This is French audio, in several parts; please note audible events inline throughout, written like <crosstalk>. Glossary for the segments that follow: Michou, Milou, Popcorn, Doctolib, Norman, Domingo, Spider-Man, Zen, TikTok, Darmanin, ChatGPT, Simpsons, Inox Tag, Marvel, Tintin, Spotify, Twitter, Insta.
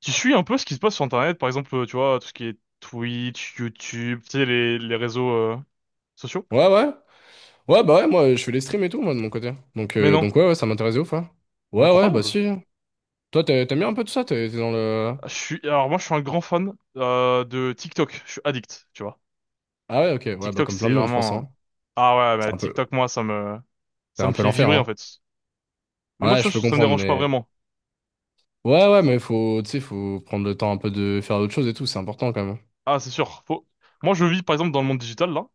Tu suis un peu ce qui se passe sur Internet, par exemple, tu vois, tout ce qui est Twitch, YouTube, tu sais, les réseaux sociaux? Ouais, ouais. Ouais, bah ouais, moi, je fais les streams et tout, moi, de mon côté. Mais non, Donc ouais, ouais, ça m'intéresse de ouf, hein. Ouais, ouais, bah incroyable. si. Toi, t'aimes bien un peu tout ça? T'es dans le... Ah, je suis, alors moi, je suis un grand fan de TikTok. Je suis addict, tu vois. Ah ouais, ok. Ouais, bah TikTok, comme plein c'est de monde, je pense, vraiment. hein. Ah ouais, bah, C'est un peu, TikTok, c'est ça un me peu fait l'enfer, vibrer en hein. fait. Mais moi, tu Ouais, vois, je peux ça me comprendre, dérange pas mais... vraiment. Ouais, ouais, mais faut, tu sais, faut prendre le temps un peu de faire autre chose et tout, c'est important, quand même. Ah, c'est sûr. Faut... Moi, je vis par exemple dans le monde digital là,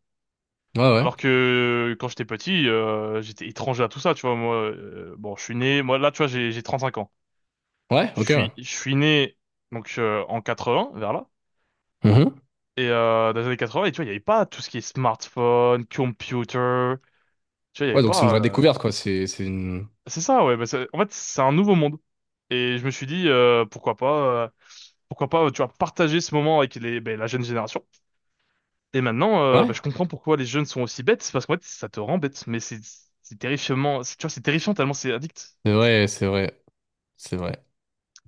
Ouais, ouais. alors que quand j'étais petit, j'étais étranger à tout ça, tu vois. Moi, bon, je suis né. Moi, là, tu vois, j'ai 35 ans. Ouais, ok, ouais. Je suis né donc en 80, vers là. Mhm. Et dans les années 80, et tu vois, il n'y avait pas tout ce qui est smartphone, computer. Tu vois, il n'y avait Ouais, donc c'est une pas. vraie euh, découverte, quoi. C'est une... C'est ça, ouais. Bah, en fait, c'est un nouveau monde. Et je me suis dit, pourquoi pas, tu vois, partager ce moment avec ben, la jeune génération. Et maintenant, bah, Ouais, je comprends pourquoi les jeunes sont aussi bêtes. C'est parce qu'en fait, ça te rend bête. Mais c'est terrifiant. Tu vois, c'est terrifiant tellement c'est addict. c'est vrai, c'est vrai, c'est vrai.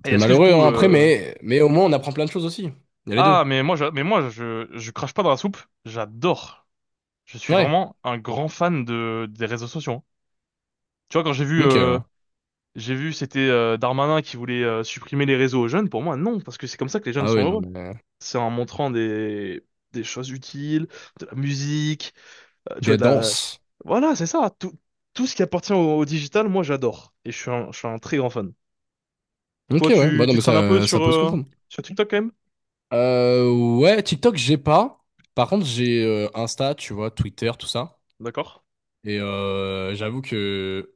Et C'est est-ce que du malheureux, coup, hein, après, mais au moins, on apprend plein de choses aussi. Il y a les deux. ah, mais moi, je crache pas dans la soupe. J'adore. Je suis Ouais. vraiment un grand fan de des réseaux sociaux, hein. Tu vois, quand j'ai Ok, ouais. j'ai vu, c'était Darmanin qui voulait supprimer les réseaux aux jeunes. Pour moi, non, parce que c'est comme ça que les jeunes Ah sont oui, non heureux. mais... C'est en montrant des choses utiles, de la musique, euh, tu vois, Des de la, danses. voilà, c'est ça. Tout ce qui appartient au digital, moi, j'adore. Et je suis je suis un très grand fan. Ok, Toi, ouais. Bah, non, tu mais traînes un peu ça sur peut se comprendre. sur TikTok quand même? Euh, ouais, TikTok, j'ai pas. Par contre, j'ai Insta, tu vois, Twitter, tout ça. D'accord. Et j'avoue que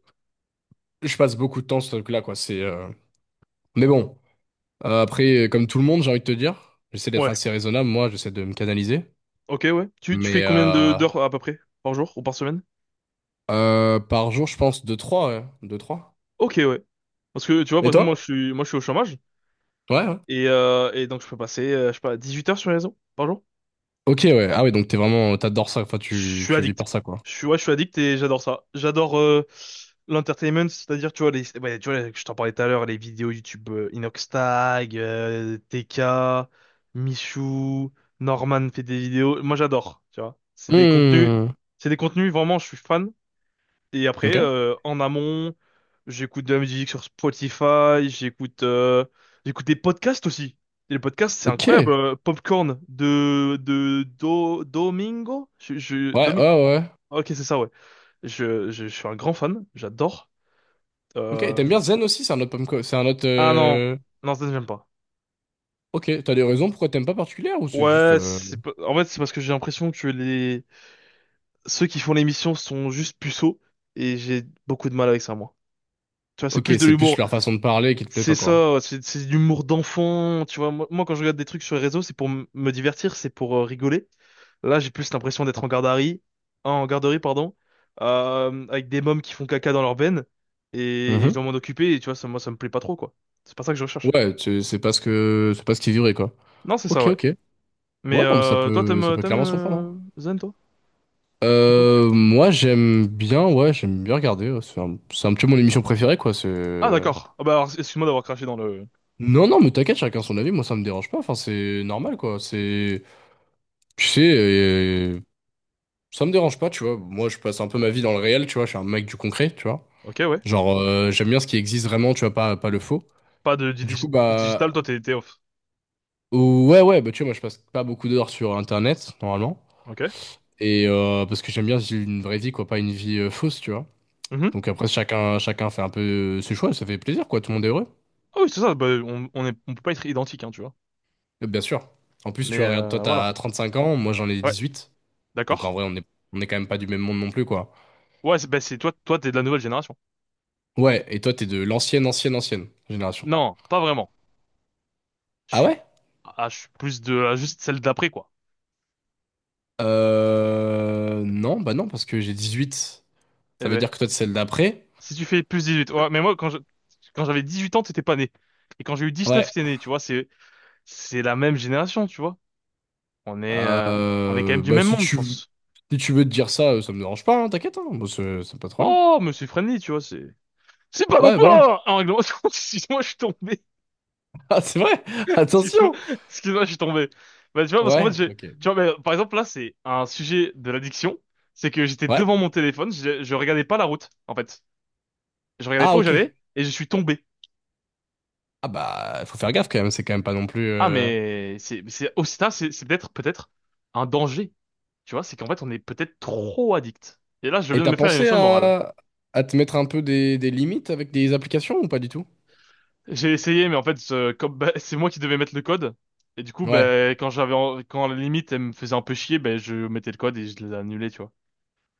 je passe beaucoup de temps sur ce truc-là, quoi. Mais bon, Après, comme tout le monde, j'ai envie de te dire, j'essaie d'être Ouais. assez raisonnable, moi, j'essaie de me canaliser. Ok, ouais. Tu fais Mais combien de euh, d'heures à peu près par jour ou par semaine? Par jour, je pense deux trois ouais. 2-3. Ok, ouais. Parce que tu vois, par Et exemple, toi? Moi, je suis au chômage. Ouais, ouais. Et, donc je peux passer, je sais pas, 18 heures sur les réseaux par jour. Ok, ouais. Ah ouais, donc t'es vraiment, t'adores ça. Enfin, Je suis tu vis addict. par ça, quoi. Je suis addict et j'adore ça. J'adore l'entertainment, c'est-à-dire, tu vois, je t'en parlais tout à l'heure, les vidéos YouTube, Inox Tag, TK, Michou, Norman fait des vidéos. Moi, j'adore, tu vois. Hmm. C'est des contenus, vraiment, je suis fan. Et après, Ok. En amont, j'écoute de la musique sur Spotify, j'écoute des podcasts aussi. Et les podcasts, c'est Ok. incroyable. Ouais, Popcorn de Domingo, ouais. ok, c'est ça, ouais. Je suis un grand fan, j'adore. Ok. Et Euh, t'aimes bien Zen aussi? C'est un autre. Ah non, non, ça j'aime pas. Ok. T'as des raisons pourquoi t'aimes pas particulière ou c'est juste. Ouais, c'est pas- en fait c'est parce que j'ai l'impression que les ceux qui font l'émission sont juste puceaux et j'ai beaucoup de mal avec ça moi. Tu vois, c'est Ok, plus de c'est plus l'humour. leur façon de parler qui te plaît pas, C'est quoi. ça, ouais, c'est de l'humour d'enfant, tu vois. Moi, quand je regarde des trucs sur les réseaux, c'est pour me divertir, c'est pour rigoler. Là, j'ai plus l'impression d'être en garderie, hein, en garderie, pardon, avec des mômes qui font caca dans leurs veine, et je dois Mhm. m'en occuper, et tu vois, ça, moi, ça me plaît pas trop, quoi. C'est pas ça que je recherche. Ouais, c'est pas ce que, c'est pas ce qu'ils vivraient, quoi. Non, c'est ça, Ok, ouais. ok. Mais Ouais, non, mais toi, ça peut t'aimes clairement se comprendre, hein. Zen, toi? Un peu Moi j'aime bien, ouais, j'aime bien regarder, ouais. C'est un petit peu mon émission préférée, quoi. C'est... ah, d'accord. Ah bah, alors, excuse-moi d'avoir craché dans le... Non, non, mais t'inquiète, chacun son avis. Moi, ça me dérange pas. Enfin, c'est normal, quoi. C'est, tu sais, ça me dérange pas, tu vois. Moi, je passe un peu ma vie dans le réel, tu vois. Je suis un mec du concret, tu vois. Ok, ouais. Genre, j'aime bien ce qui existe vraiment, tu vois, pas le faux. Pas de, Du coup, du bah, digital, toi, t'es off. ouais, ouais, bah, tu vois, moi, je passe pas beaucoup d'heures sur Internet, normalement. Ok. Et parce que j'aime bien vivre une vraie vie, quoi, pas une vie fausse, tu vois. Mhm. Donc après, chacun fait un peu ses choix, ça fait plaisir, quoi, tout le monde est heureux. Ah oui, c'est ça, bah, on est, on peut pas être identique, hein, tu vois. Et bien sûr. En plus, tu Mais vois, regarde, toi, voilà. t'as 35 ans, moi j'en ai Ouais, 18. Donc en d'accord. vrai, on est quand même pas du même monde non plus, quoi. Ouais, c'est, bah, toi, t'es de la nouvelle génération. Ouais, et toi, t'es de l'ancienne, ancienne, ancienne génération. Non, pas vraiment. Je Ah suis, ouais? Je suis plus de, ah, juste celle d'après, quoi. Non, bah non, parce que j'ai 18. Eh Ça veut ben, dire que toi, t'es celle d'après. si tu fais plus 18, ouais, mais quand j'avais 18 ans, t'étais pas né. Et quand j'ai eu 19, Ouais. t'es né, tu vois, c'est la même génération, tu vois. On on est quand même du Bah même si monde, je tu... pense. si tu veux te dire ça, ça me dérange pas, hein, t'inquiète, hein. Moi, c'est pas trop problème. Oh, mais c'est friendly, tu vois, c'est pas non Ouais, plus voilà. <laughs> Un règlement. <laughs> Excuse-moi, je suis tombé. Ah, c'est vrai! Excuse-moi, Attention! <laughs> excuse-moi, je suis tombé. Bah, tu vois, parce qu'en fait, Ouais, j'ai, ok. tu vois, mais, par exemple, là, c'est un sujet de l'addiction. C'est que j'étais Ouais. devant mon téléphone, je regardais pas la route, en fait. Je regardais Ah, pas où ok. j'allais et je suis tombé. Ah bah, faut faire gaffe quand même, c'est quand même pas non plus... Ah, mais c'est aussi ça, c'est peut-être, peut-être un danger. Tu vois, c'est qu'en fait, on est peut-être trop addict. Et là, je Et viens de t'as me faire une pensé leçon de morale. À te mettre un peu des limites avec des applications ou pas du tout? J'ai essayé, mais en fait, comme, bah, <laughs> c'est moi qui devais mettre le code. Et du coup, Ouais. bah, quand quand la limite, elle me faisait un peu chier, ben je mettais le code et je les annulais, tu vois.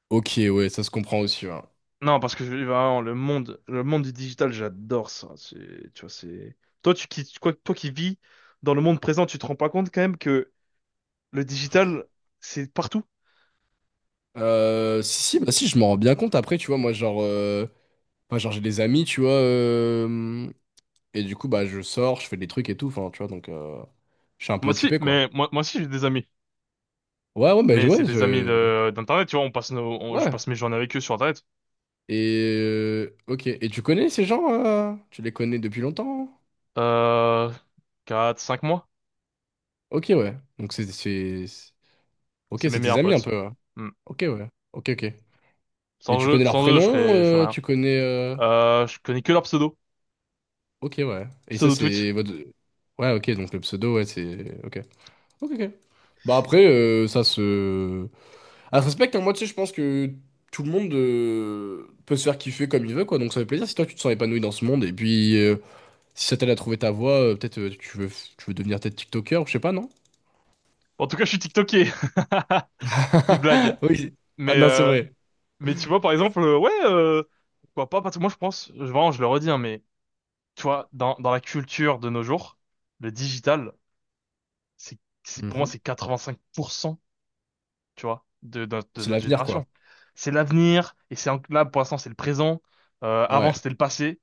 Ok, ouais, ça se comprend aussi, ouais. Non, parce que vraiment, le monde du digital, j'adore ça. C'est, tu vois, c'est. Toi qui vis dans le monde présent, tu te rends pas compte quand même que le digital, c'est partout. Si, si, bah si, je m'en rends bien compte après, tu vois, moi, genre... Moi, genre, j'ai des amis, tu vois, et du coup, bah, je sors, je fais des trucs et tout, enfin, tu vois, donc... Je suis un peu Moi aussi, occupé, quoi. mais moi aussi j'ai des amis. Ouais, ouais, bah, Mais c'est ouais, des amis je... de d'internet, tu vois, on passe nos, on- je Ouais. passe mes journées avec eux sur internet. Et... Ok, et tu connais ces gens, euh, tu les connais depuis longtemps? Euh, 4, 5 mois, Ok, ouais. Donc, c'est- Ok, c'est mes c'est tes meilleurs amis un potes. peu, ouais. Hmm. Ok, ouais. Ok, ok. Et tu connais leur Sans eux, prénom, je serais rien. tu connais. Je connais que leur pseudo, Ok, ouais. Et ça, pseudo Twitch. c'est votre. Ouais, ok, donc le pseudo, ouais, c'est. Ok. Ok, ok. Bah après, ça se. Ah, ça se respecte, hein. Moi, tu sais, je pense que tout le monde peut se faire kiffer comme il veut, quoi. Donc ça fait plaisir si toi, tu te sens épanoui dans ce monde. Et puis, si ça t'aide à trouver ta voie, peut-être tu veux devenir peut-être TikToker, ou je sais pas, non? En tout cas, je suis TikToké. <laughs> Petite blague. <laughs> Oui. Ah Mais non, c'est vrai. mais tu vois, par exemple, pourquoi pas, parce que moi je pense, vraiment, je le redis, hein, mais tu vois, dans la culture de nos jours, le digital, c'est, pour moi, Mhm. c'est 85%, tu vois, de C'est notre l'avenir, quoi. génération. C'est l'avenir, et là, pour l'instant, c'est le présent, avant, Ouais. c'était le passé.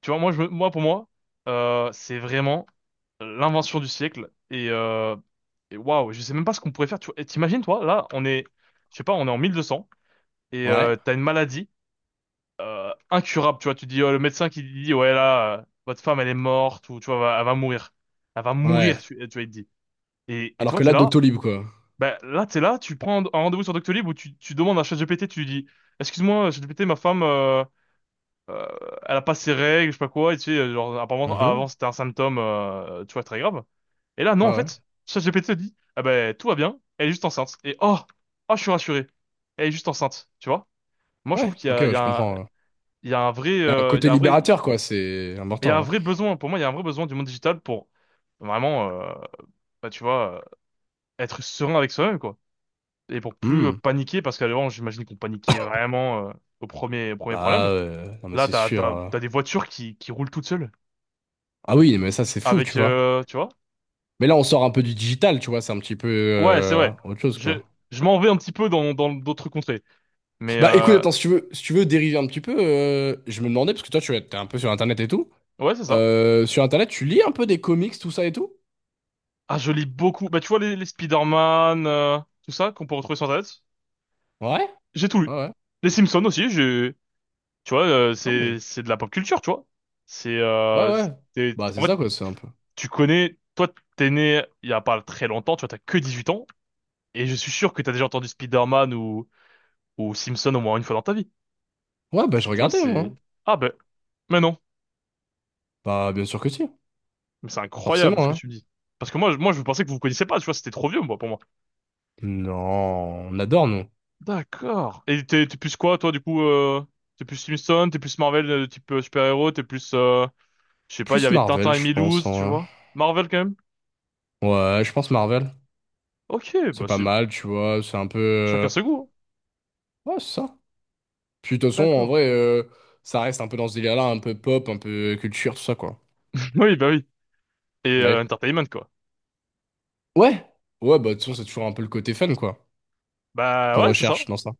Tu vois, moi, pour moi, c'est vraiment l'invention du siècle, et waouh, je sais même pas ce qu'on pourrait faire, tu vois. Et t'imagines, toi, là, je sais pas, on est en 1200, et Ouais. T'as une maladie, incurable, tu vois. Tu dis, oh, le médecin qui dit, ouais, là, votre femme, elle est morte, ou tu vois, elle va mourir. Elle va mourir, Ouais. Tu vois, il te dit. Et, Alors que t'es là, là, Doctolib, quoi. ben là, t'es là, tu prends un rendez-vous sur Doctolib où tu demandes à ChatGPT, tu lui dis, excuse-moi, ChatGPT, ma femme, euh, elle a pas ses règles, je sais pas quoi, et tu sais, genre, apparemment, Mhm. avant, c'était un symptôme, tu vois, très grave. Et là, non, Ouais, en ouais. fait, ChatGPT te dit, ah ben, tout va bien, elle est juste enceinte. Et oh, je suis rassuré, elle est juste enceinte, tu vois. Moi, je Ouais, trouve ok, il y ouais, je a un- comprends, ouais. il y a un Il y a un il y côté a un vrai libérateur, quoi, c'est mais il y a un important, hein. vrai besoin, pour moi, il y a un vrai besoin du monde digital pour vraiment, bah, tu vois, euh, être serein avec soi-même, quoi. Et pour plus Hmm. paniquer, parce qu'avant, j'imagine qu'on paniquait vraiment au premier Bah, problème. Non, mais Là, c'est sûr. T'as des voitures qui roulent toutes seules. Ah oui, mais ça, c'est fou, tu Avec, vois. Tu vois? Mais là, on sort un peu du digital, tu vois, c'est un petit peu Ouais, c'est vrai. autre chose, Je, quoi. je m'en vais un petit peu dans d'autres contrées. Mais, Bah, écoute, attends, si tu veux, si tu veux dériver un petit peu, je me demandais, parce que toi, tu es un peu sur Internet et tout. ouais, c'est ça. Sur Internet, tu lis un peu des comics, tout ça et tout? Ah, je lis beaucoup. Bah, tu vois, les Spider-Man, tout ça, qu'on peut retrouver sur Internet. Ouais, J'ai tout lu. ouais. Les Simpsons aussi, j'ai, tu vois, Ah oui. C'est de la pop culture, tu vois. C'est Ouais, ouais. Bah, en c'est fait, ça, quoi, c'est un peu. tu connais, toi, t'es né il y a pas très longtemps, tu vois, t'as que 18 ans, et je suis sûr que t'as déjà entendu Spider-Man ou Simpson au moins une fois dans ta vie. Ouais, bah, je Tu vois, regardais, moi, c'est hein. ah ben, mais non, Bah, bien sûr que si, mais c'est forcément, incroyable ce que hein. tu me dis. Parce que moi, je pensais que vous vous connaissiez pas, tu vois, c'était trop vieux, moi, pour moi. Non, on adore, nous. D'accord. Et t'es plus quoi, toi, du coup, t'es plus Simpson, t'es plus Marvel, type super-héros, t'es plus, je sais pas, il y Plus avait Tintin Marvel, et je pense, Milouz, tu en vrai. vois. Marvel quand même. Ouais, je pense Marvel. Ok, C'est bah pas c'est mal, tu vois, c'est un peu... chacun ce goût, hein. Ouais, c'est ça. Puis de toute façon, en D'accord. vrai, ça reste un peu dans ce délire-là, un peu pop, un peu culture, tout ça, quoi. <laughs> Oui, bah oui. Et Ouais. entertainment, quoi. Ouais, ouais, bah de toute façon, c'est toujours un peu le côté fun, quoi, Bah qu'on ouais, c'est ça. recherche dans ça.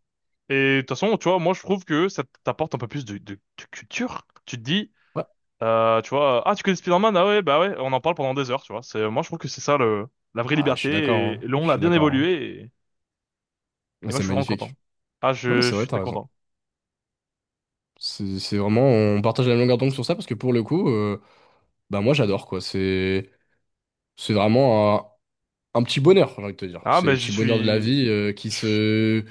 Et de toute façon, tu vois, moi je trouve que ça t'apporte un peu plus de culture. Tu te dis, Ouais. Tu vois, ah tu connais Spider-Man, ah ouais, bah ouais, on en parle pendant des heures, tu vois. C'est, moi je trouve que c'est ça le, la vraie Ah, je liberté. suis d'accord, hein. Et le Je on a suis bien d'accord, hein. évolué et Ah, moi c'est je suis vraiment content. magnifique. Non, mais c'est Je vrai, suis t'as très raison. content. C'est vraiment... On partage la même longueur d'onde sur ça, parce que pour le coup, bah moi, j'adore, quoi. C'est vraiment... un petit bonheur, j'ai envie de te dire. Ah, C'est mais les je petits bonheurs de la suis... vie je-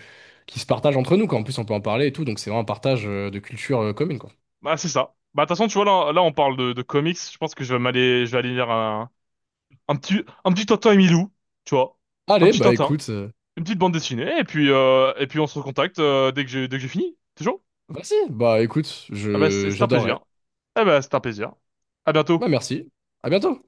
qui se partagent entre nous, quoi. En plus, on peut en parler et tout, donc c'est vraiment un partage de culture commune, quoi. Bah c'est ça. Bah de toute façon, tu vois, là, là on parle de comics. Je pense que je vais aller lire un petit Tintin et Milou, tu vois. Un Allez, petit bah Tintin. écoute, Une petite bande dessinée et puis on se recontacte dès que j'ai fini. C'est chaud? bah si, bah écoute, Ah bah c'est un j'adorerais. plaisir. Ah bah c'est un plaisir. À bientôt. Bah merci, à bientôt.